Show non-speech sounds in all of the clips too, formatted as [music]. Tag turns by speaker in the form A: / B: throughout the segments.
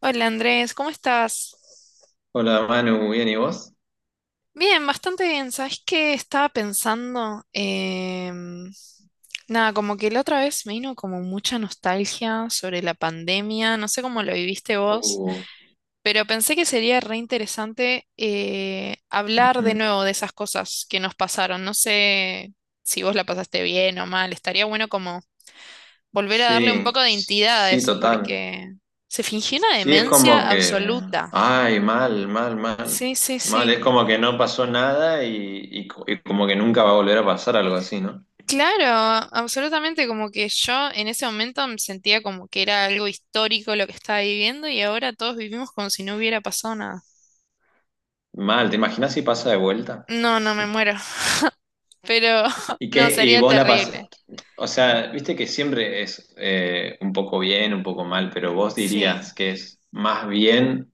A: Hola Andrés, ¿cómo estás?
B: Hola Manu, ¿bien y vos?
A: Bien, bastante bien. ¿Sabes qué estaba pensando? Nada, como que la otra vez me vino como mucha nostalgia sobre la pandemia, no sé cómo lo viviste vos,
B: Uh,
A: pero pensé que sería re interesante hablar de
B: ujú.
A: nuevo de esas cosas que nos pasaron. No sé si vos la pasaste bien o mal, estaría bueno como volver a darle un poco
B: Sí,
A: de entidad a
B: sí,
A: eso,
B: total.
A: porque se fingió una
B: Sí, es como
A: demencia
B: que,
A: absoluta.
B: ay, mal, mal, mal,
A: Sí, sí,
B: mal, es
A: sí.
B: como que no pasó nada y como que nunca va a volver a pasar algo así, ¿no?
A: Claro, absolutamente, como que yo en ese momento me sentía como que era algo histórico lo que estaba viviendo y ahora todos vivimos como si no hubiera pasado nada.
B: Mal, ¿te imaginas si pasa de vuelta?
A: No, no me muero, [laughs] pero [laughs]
B: Y
A: no,
B: que, y
A: sería
B: vos la pasás,
A: terrible.
B: o sea, viste que siempre es un poco bien, un poco mal, pero vos
A: Sí.
B: dirías que es más bien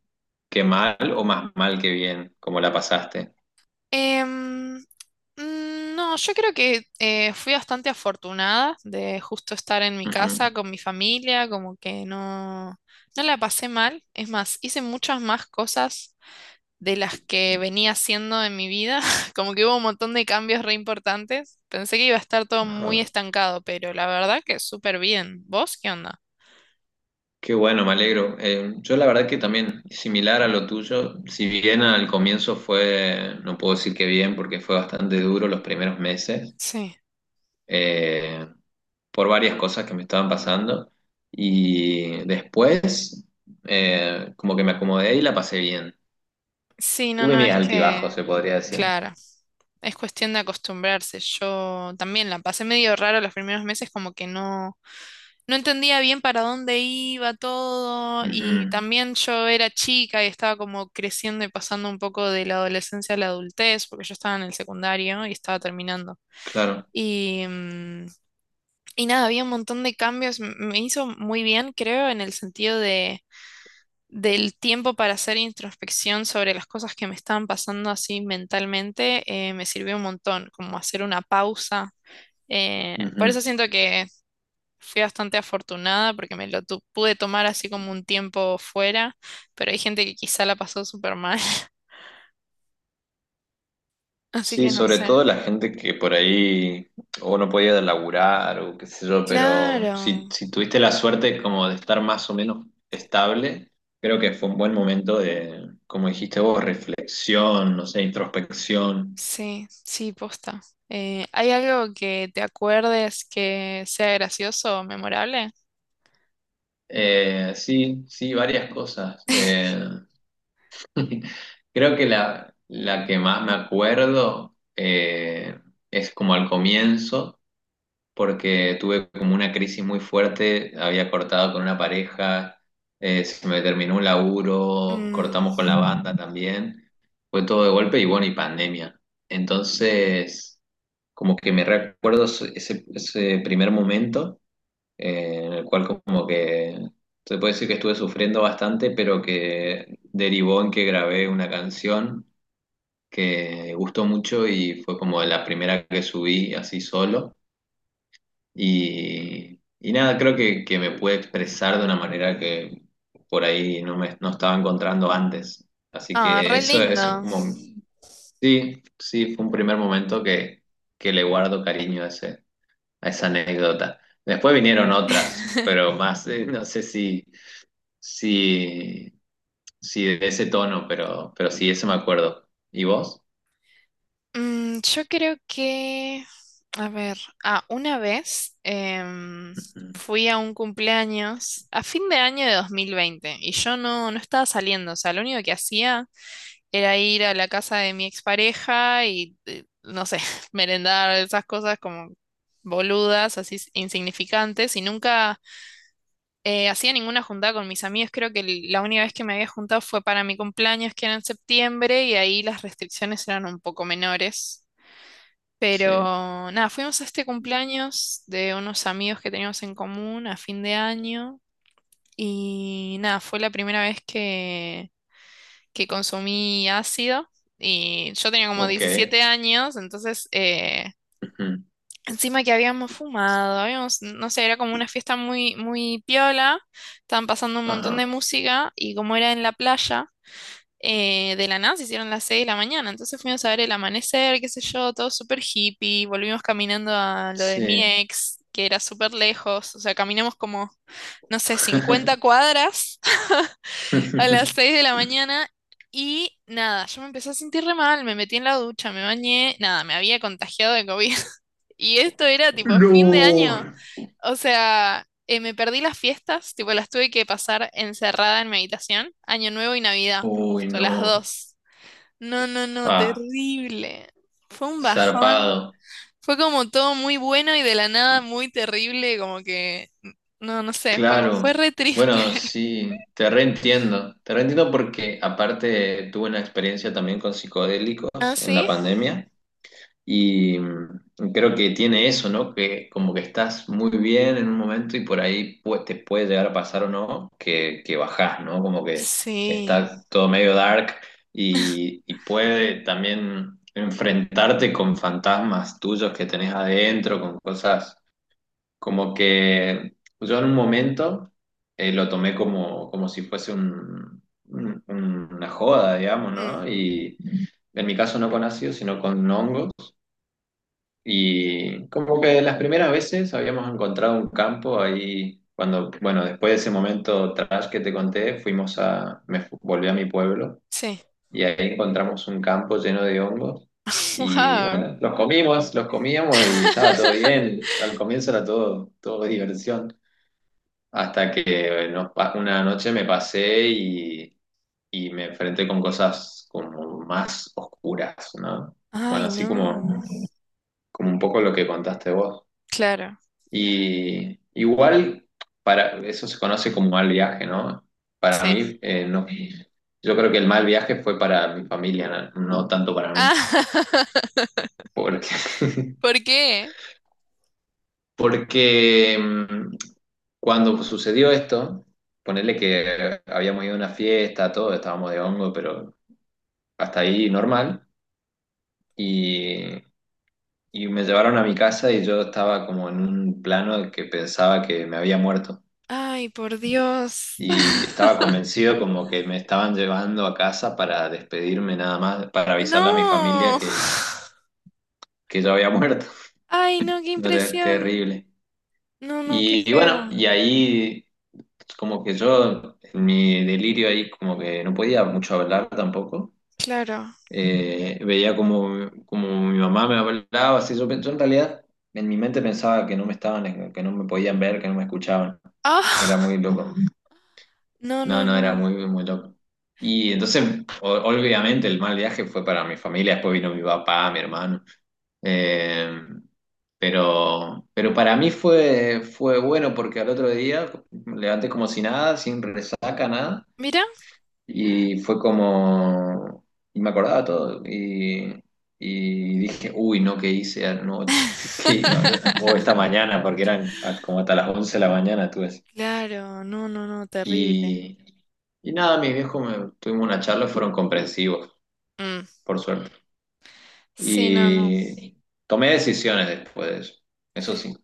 B: que mal o más mal que bien, como la pasaste.
A: Em, mm, no, yo creo que fui bastante afortunada de justo estar en mi
B: Ujú.
A: casa con mi familia, como que no, no la pasé mal. Es más, hice muchas más cosas de las que venía haciendo en mi vida. [laughs] Como que hubo un montón de cambios re importantes. Pensé que iba a estar todo muy
B: Ajá.
A: estancado, pero la verdad que súper bien. ¿Vos qué onda?
B: Qué bueno, me alegro. Yo la verdad que también, similar a lo tuyo, si bien al comienzo fue, no puedo decir que bien, porque fue bastante duro los primeros meses,
A: Sí.
B: eh, por varias cosas que me estaban pasando, y después como que me acomodé y la pasé bien.
A: Sí, no,
B: Tuve
A: no,
B: mis
A: es
B: altibajos,
A: que,
B: se podría decir.
A: claro, es cuestión de acostumbrarse. Yo también la pasé medio raro los primeros meses, como que no, no entendía bien para dónde iba todo. Y
B: Ujú,
A: también yo era chica y estaba como creciendo y pasando un poco de la adolescencia a la adultez, porque yo estaba en el secundario y estaba terminando.
B: claro.
A: Y, mm, y nada, había un montón de cambios. Me hizo muy bien, creo, en el sentido del tiempo para hacer introspección sobre las cosas que me estaban pasando así mentalmente. Me sirvió un montón, como hacer una pausa. Por eso
B: Ujú.
A: siento que fui bastante afortunada porque me lo pude tomar así como un tiempo fuera, pero hay gente que quizá la pasó súper mal. [laughs] Así
B: Sí,
A: que no
B: sobre
A: sé.
B: todo la gente que por ahí o no podía laburar o qué sé yo, pero
A: Claro.
B: si tuviste la suerte como de estar más o menos estable, creo que fue un buen momento de, como dijiste vos, reflexión, no sé, introspección.
A: Sí, sí, posta. ¿Hay algo que te acuerdes que sea gracioso o memorable?
B: Sí, sí, varias cosas.
A: [laughs]
B: [laughs] Creo que la que más me acuerdo es como al comienzo. Porque tuve como una crisis muy fuerte, había cortado con una pareja, se me terminó un laburo,
A: Mm,
B: cortamos con la banda también, fue todo de golpe y bueno, y pandemia. Entonces, como que me recuerdo ese primer momento en el cual como que se puede decir que estuve sufriendo bastante, pero que derivó en que grabé una canción que gustó mucho y fue como la primera que subí así solo y nada, creo que me pude expresar de una manera que por ahí no estaba encontrando antes. Así
A: Ah,
B: que
A: re
B: eso es
A: lindo.
B: como, sí, sí, fue un primer momento que le guardo cariño a, ese, a esa anécdota. Después vinieron otras,
A: [laughs]
B: pero más, no sé si, si, si de ese tono, pero sí, eso me acuerdo. ¿Y vos?
A: Yo creo que, a ver, ah, una vez
B: Ujú.
A: fui a un cumpleaños a fin de año de 2020 y yo no, no estaba saliendo, o sea, lo único que hacía era ir a la casa de mi expareja y, no sé, [laughs] merendar esas cosas como boludas, así insignificantes, y nunca hacía ninguna juntada con mis amigos. Creo que la única vez que me había juntado fue para mi cumpleaños, que era en septiembre, y ahí las restricciones eran un poco menores.
B: Sí,
A: Pero nada, fuimos a este cumpleaños de unos amigos que teníamos en común a fin de año. Y nada, fue la primera vez que consumí ácido y yo tenía como
B: ok.
A: 17 años, entonces
B: Ujú.
A: encima que habíamos fumado, habíamos, no sé, era como una fiesta muy, muy piola, estaban pasando un montón de
B: Ajá,
A: música y como era en la playa, de la nada se hicieron las 6 de la mañana, entonces fuimos a ver el amanecer, qué sé yo, todo súper hippie, volvimos caminando a lo de mi
B: sí.
A: ex, que era súper lejos, o sea, caminamos como, no sé, 50 cuadras a las 6 de la
B: [laughs]
A: mañana y nada, yo me empecé a sentir re mal, me metí en la ducha, me bañé, nada, me había contagiado de COVID. [laughs] Y esto era tipo fin de
B: No.
A: año. O sea, me perdí las fiestas, tipo las tuve que pasar encerrada en mi habitación, Año Nuevo y Navidad,
B: Uy,
A: justo las
B: no.
A: dos. No, no, no,
B: Ah,
A: terrible. Fue un bajón.
B: zarpado.
A: Fue como todo muy bueno y de la nada muy terrible, como que, no, no sé, fue, fue
B: Claro.
A: re triste.
B: Bueno,
A: [laughs]
B: sí, te reentiendo. Te reentiendo porque aparte tuve una experiencia también con
A: ¿Ah,
B: psicodélicos en la
A: sí?
B: pandemia. Y mm, creo que tiene eso, ¿no? Que como que estás muy bien en un momento y por ahí te puede llegar a pasar o no que, que bajás, ¿no? Como que
A: Sí.
B: está todo medio dark y puede también enfrentarte con fantasmas tuyos que tenés adentro, con cosas como que yo en un momento lo tomé como, como si fuese una joda, digamos,
A: Mm.
B: ¿no? Y en mi caso no con ácido, sino con hongos. Y como que las primeras veces habíamos encontrado un campo ahí, cuando, bueno, después de ese momento trash que te conté, fuimos a, volví a mi pueblo
A: Sí.
B: y ahí encontramos un campo lleno de hongos y
A: Wow.
B: bueno, los comimos, los comíamos y estaba todo
A: [laughs]
B: bien. Al comienzo era todo, todo diversión, hasta que una noche me pasé y me enfrenté con cosas como más oscuras, ¿no? Bueno,
A: Ay,
B: así como,
A: no.
B: como un poco lo que contaste vos.
A: Claro.
B: Y igual, para, eso se conoce como mal viaje, ¿no? Para
A: Sí.
B: mí, no. Yo creo que el mal viaje fue para mi familia, no, no tanto para mí.
A: Ah, [laughs]
B: Porque, [laughs]
A: ¿por qué?
B: porque mm, cuando sucedió esto, ponerle que habíamos ido a una fiesta, todo, estábamos de hongo, pero hasta ahí normal. Y, y me llevaron a mi casa y yo estaba como en un plano de que pensaba que me había muerto.
A: Ay, por Dios.
B: Y
A: [laughs]
B: estaba convencido como que me estaban llevando a casa para despedirme nada más, para avisarle a mi familia
A: No.
B: que yo había muerto. [laughs]
A: Ay, no, qué
B: No,
A: impresión.
B: terrible.
A: No, no, qué
B: Y bueno,
A: feo.
B: y ahí como que yo, en mi delirio ahí como que no podía mucho hablar tampoco.
A: Claro.
B: Veía como, como mi mamá me hablaba, así yo, yo en realidad en mi mente pensaba que no me estaban, que no me podían ver, que no me escuchaban. Era
A: Ah,
B: muy loco.
A: [laughs] no, no,
B: No, no, era
A: no.
B: muy, muy loco. Y entonces, obviamente, el mal viaje fue para mi familia, después vino mi papá, mi hermano. Eh, pero para mí fue, fue bueno porque al otro día me levanté como si nada, sin resaca, nada.
A: Mira.
B: Y fue como, y me acordaba todo. Y dije, uy, no, ¿qué hice anoche? [laughs] ¿Qué- o esta
A: [laughs]
B: mañana? Porque eran como hasta las 11 de la mañana, tú
A: Claro, no, no, no, terrible.
B: y, y nada, tuvimos una charla, fueron comprensivos,
A: Mm.
B: por suerte.
A: Sí, no, no.
B: Y tomé decisiones después de eso. Eso sí,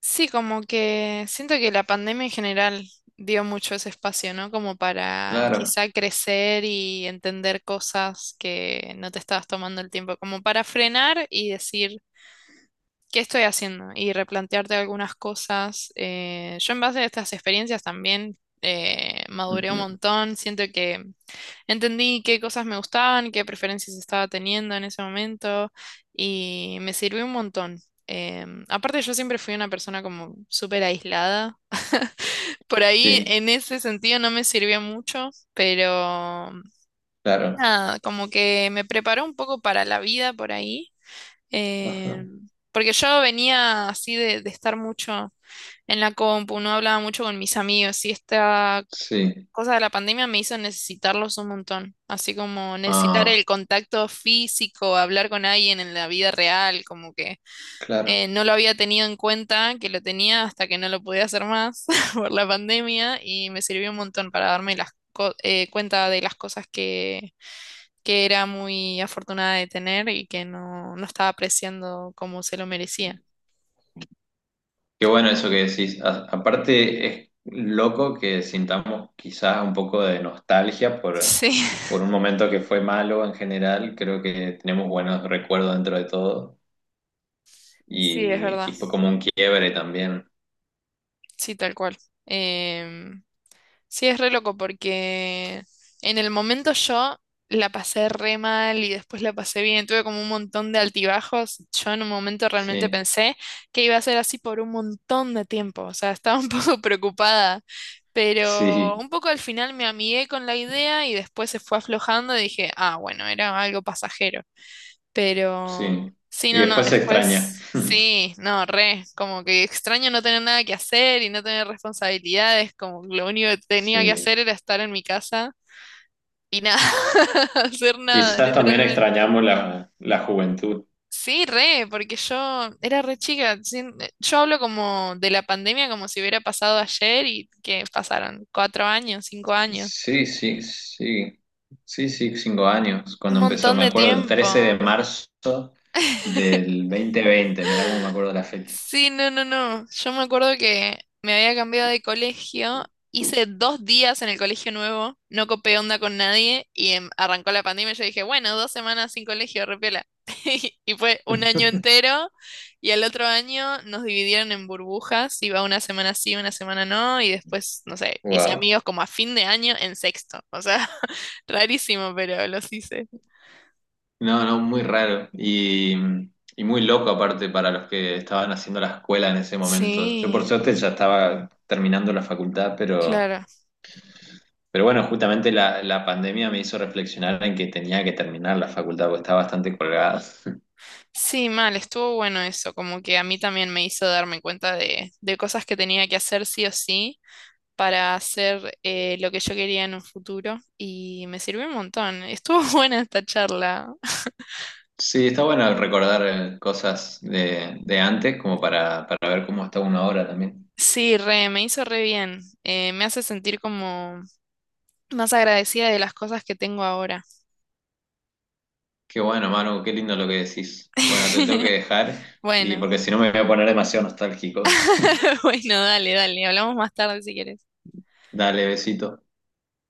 A: Sí, como que siento que la pandemia en general dio mucho ese espacio, ¿no? Como para
B: claro.
A: quizá crecer y entender cosas que no te estabas tomando el tiempo, como para frenar y decir, ¿qué estoy haciendo? Y replantearte algunas cosas. Yo en base a estas experiencias también maduré un
B: Ujú.
A: montón, siento que entendí qué cosas me gustaban, qué preferencias estaba teniendo en ese momento y me sirvió un montón. Aparte yo siempre fui una persona como súper aislada. [laughs] Por ahí
B: Sí,
A: en ese sentido no me sirvió mucho, pero
B: claro.
A: nada, como que me preparó un poco para la vida por ahí.
B: Ajá.
A: Porque yo venía así de estar mucho en la compu, no hablaba mucho con mis amigos, sí estaba
B: Sí.
A: cosa de la pandemia me hizo necesitarlos un montón, así como necesitar
B: Ah,
A: el contacto físico, hablar con alguien en la vida real, como que
B: claro.
A: no lo había tenido en cuenta, que lo tenía hasta que no lo podía hacer más [laughs] por la pandemia y me sirvió un montón para darme las cuenta de las cosas que era muy afortunada de tener y que no, no estaba apreciando como se lo merecía.
B: Qué bueno eso que decís. Aparte, es loco que sintamos quizás un poco de nostalgia
A: Sí,
B: por un momento que fue malo en general. Creo que tenemos buenos recuerdos dentro de todo.
A: [laughs] sí, es
B: Y
A: verdad,
B: fue como un quiebre también.
A: sí, tal cual. Em, Sí, es re loco porque en el momento yo la pasé re mal y después la pasé bien. Tuve como un montón de altibajos. Yo en un momento realmente
B: Sí,
A: pensé que iba a ser así por un montón de tiempo. O sea, estaba un [laughs] poco preocupada. Pero
B: sí,
A: un poco al final me amigué con la idea y después se fue aflojando y dije, ah, bueno, era algo pasajero. Pero
B: sí.
A: sí,
B: Y
A: no, no,
B: después se extraña.
A: después
B: [laughs]
A: sí, no, re, como que extraño no tener nada que hacer y no tener responsabilidades, como que lo único que tenía que
B: Sí.
A: hacer era estar en mi casa y nada, [laughs] hacer nada,
B: Quizás también
A: literalmente.
B: extrañamos la juventud.
A: Sí, re, porque yo era re chica, yo hablo como de la pandemia como si hubiera pasado ayer y que pasaron 4 años, 5 años,
B: Sí, sí, sí. Sí, sí, cinco años
A: un
B: cuando empezó.
A: montón
B: Me
A: de
B: acuerdo el
A: tiempo.
B: 13 de marzo del 2020. Mirá cómo me acuerdo la fecha.
A: Sí, no, no, no. Yo me acuerdo que me había cambiado de colegio, hice 2 días en el colegio nuevo, no copé onda con nadie y arrancó la pandemia. Yo dije, bueno, 2 semanas sin colegio, repiola. [laughs] Y fue un año
B: [laughs]
A: entero y al otro año nos dividieron en burbujas, iba una semana sí, una semana no y después, no sé, hice
B: Wow.
A: amigos como a fin de año en sexto. O sea, [laughs] rarísimo, pero los hice.
B: No, no, muy raro. Y muy loco aparte para los que estaban haciendo la escuela en ese momento. Yo por
A: Sí,
B: suerte ya estaba terminando la facultad, pero...
A: claro.
B: Pero bueno, justamente la pandemia me hizo reflexionar en que tenía que terminar la facultad porque estaba bastante colgada.
A: Sí, mal, estuvo bueno eso, como que a mí también me hizo darme cuenta de cosas que tenía que hacer sí o sí para hacer lo que yo quería en un futuro y me sirvió un montón. Estuvo [laughs] buena esta charla.
B: Sí, está bueno recordar cosas de antes como para ver cómo está uno ahora también.
A: Sí, re, me hizo re bien. Me hace sentir como más agradecida de las cosas que tengo ahora.
B: Qué bueno, Manu, qué lindo lo que decís. Bueno, te tengo que
A: [laughs]
B: dejar y
A: Bueno,
B: porque si no me voy a poner demasiado nostálgico.
A: [laughs] bueno, dale, dale, hablamos más tarde si quieres.
B: [laughs] Dale, besito.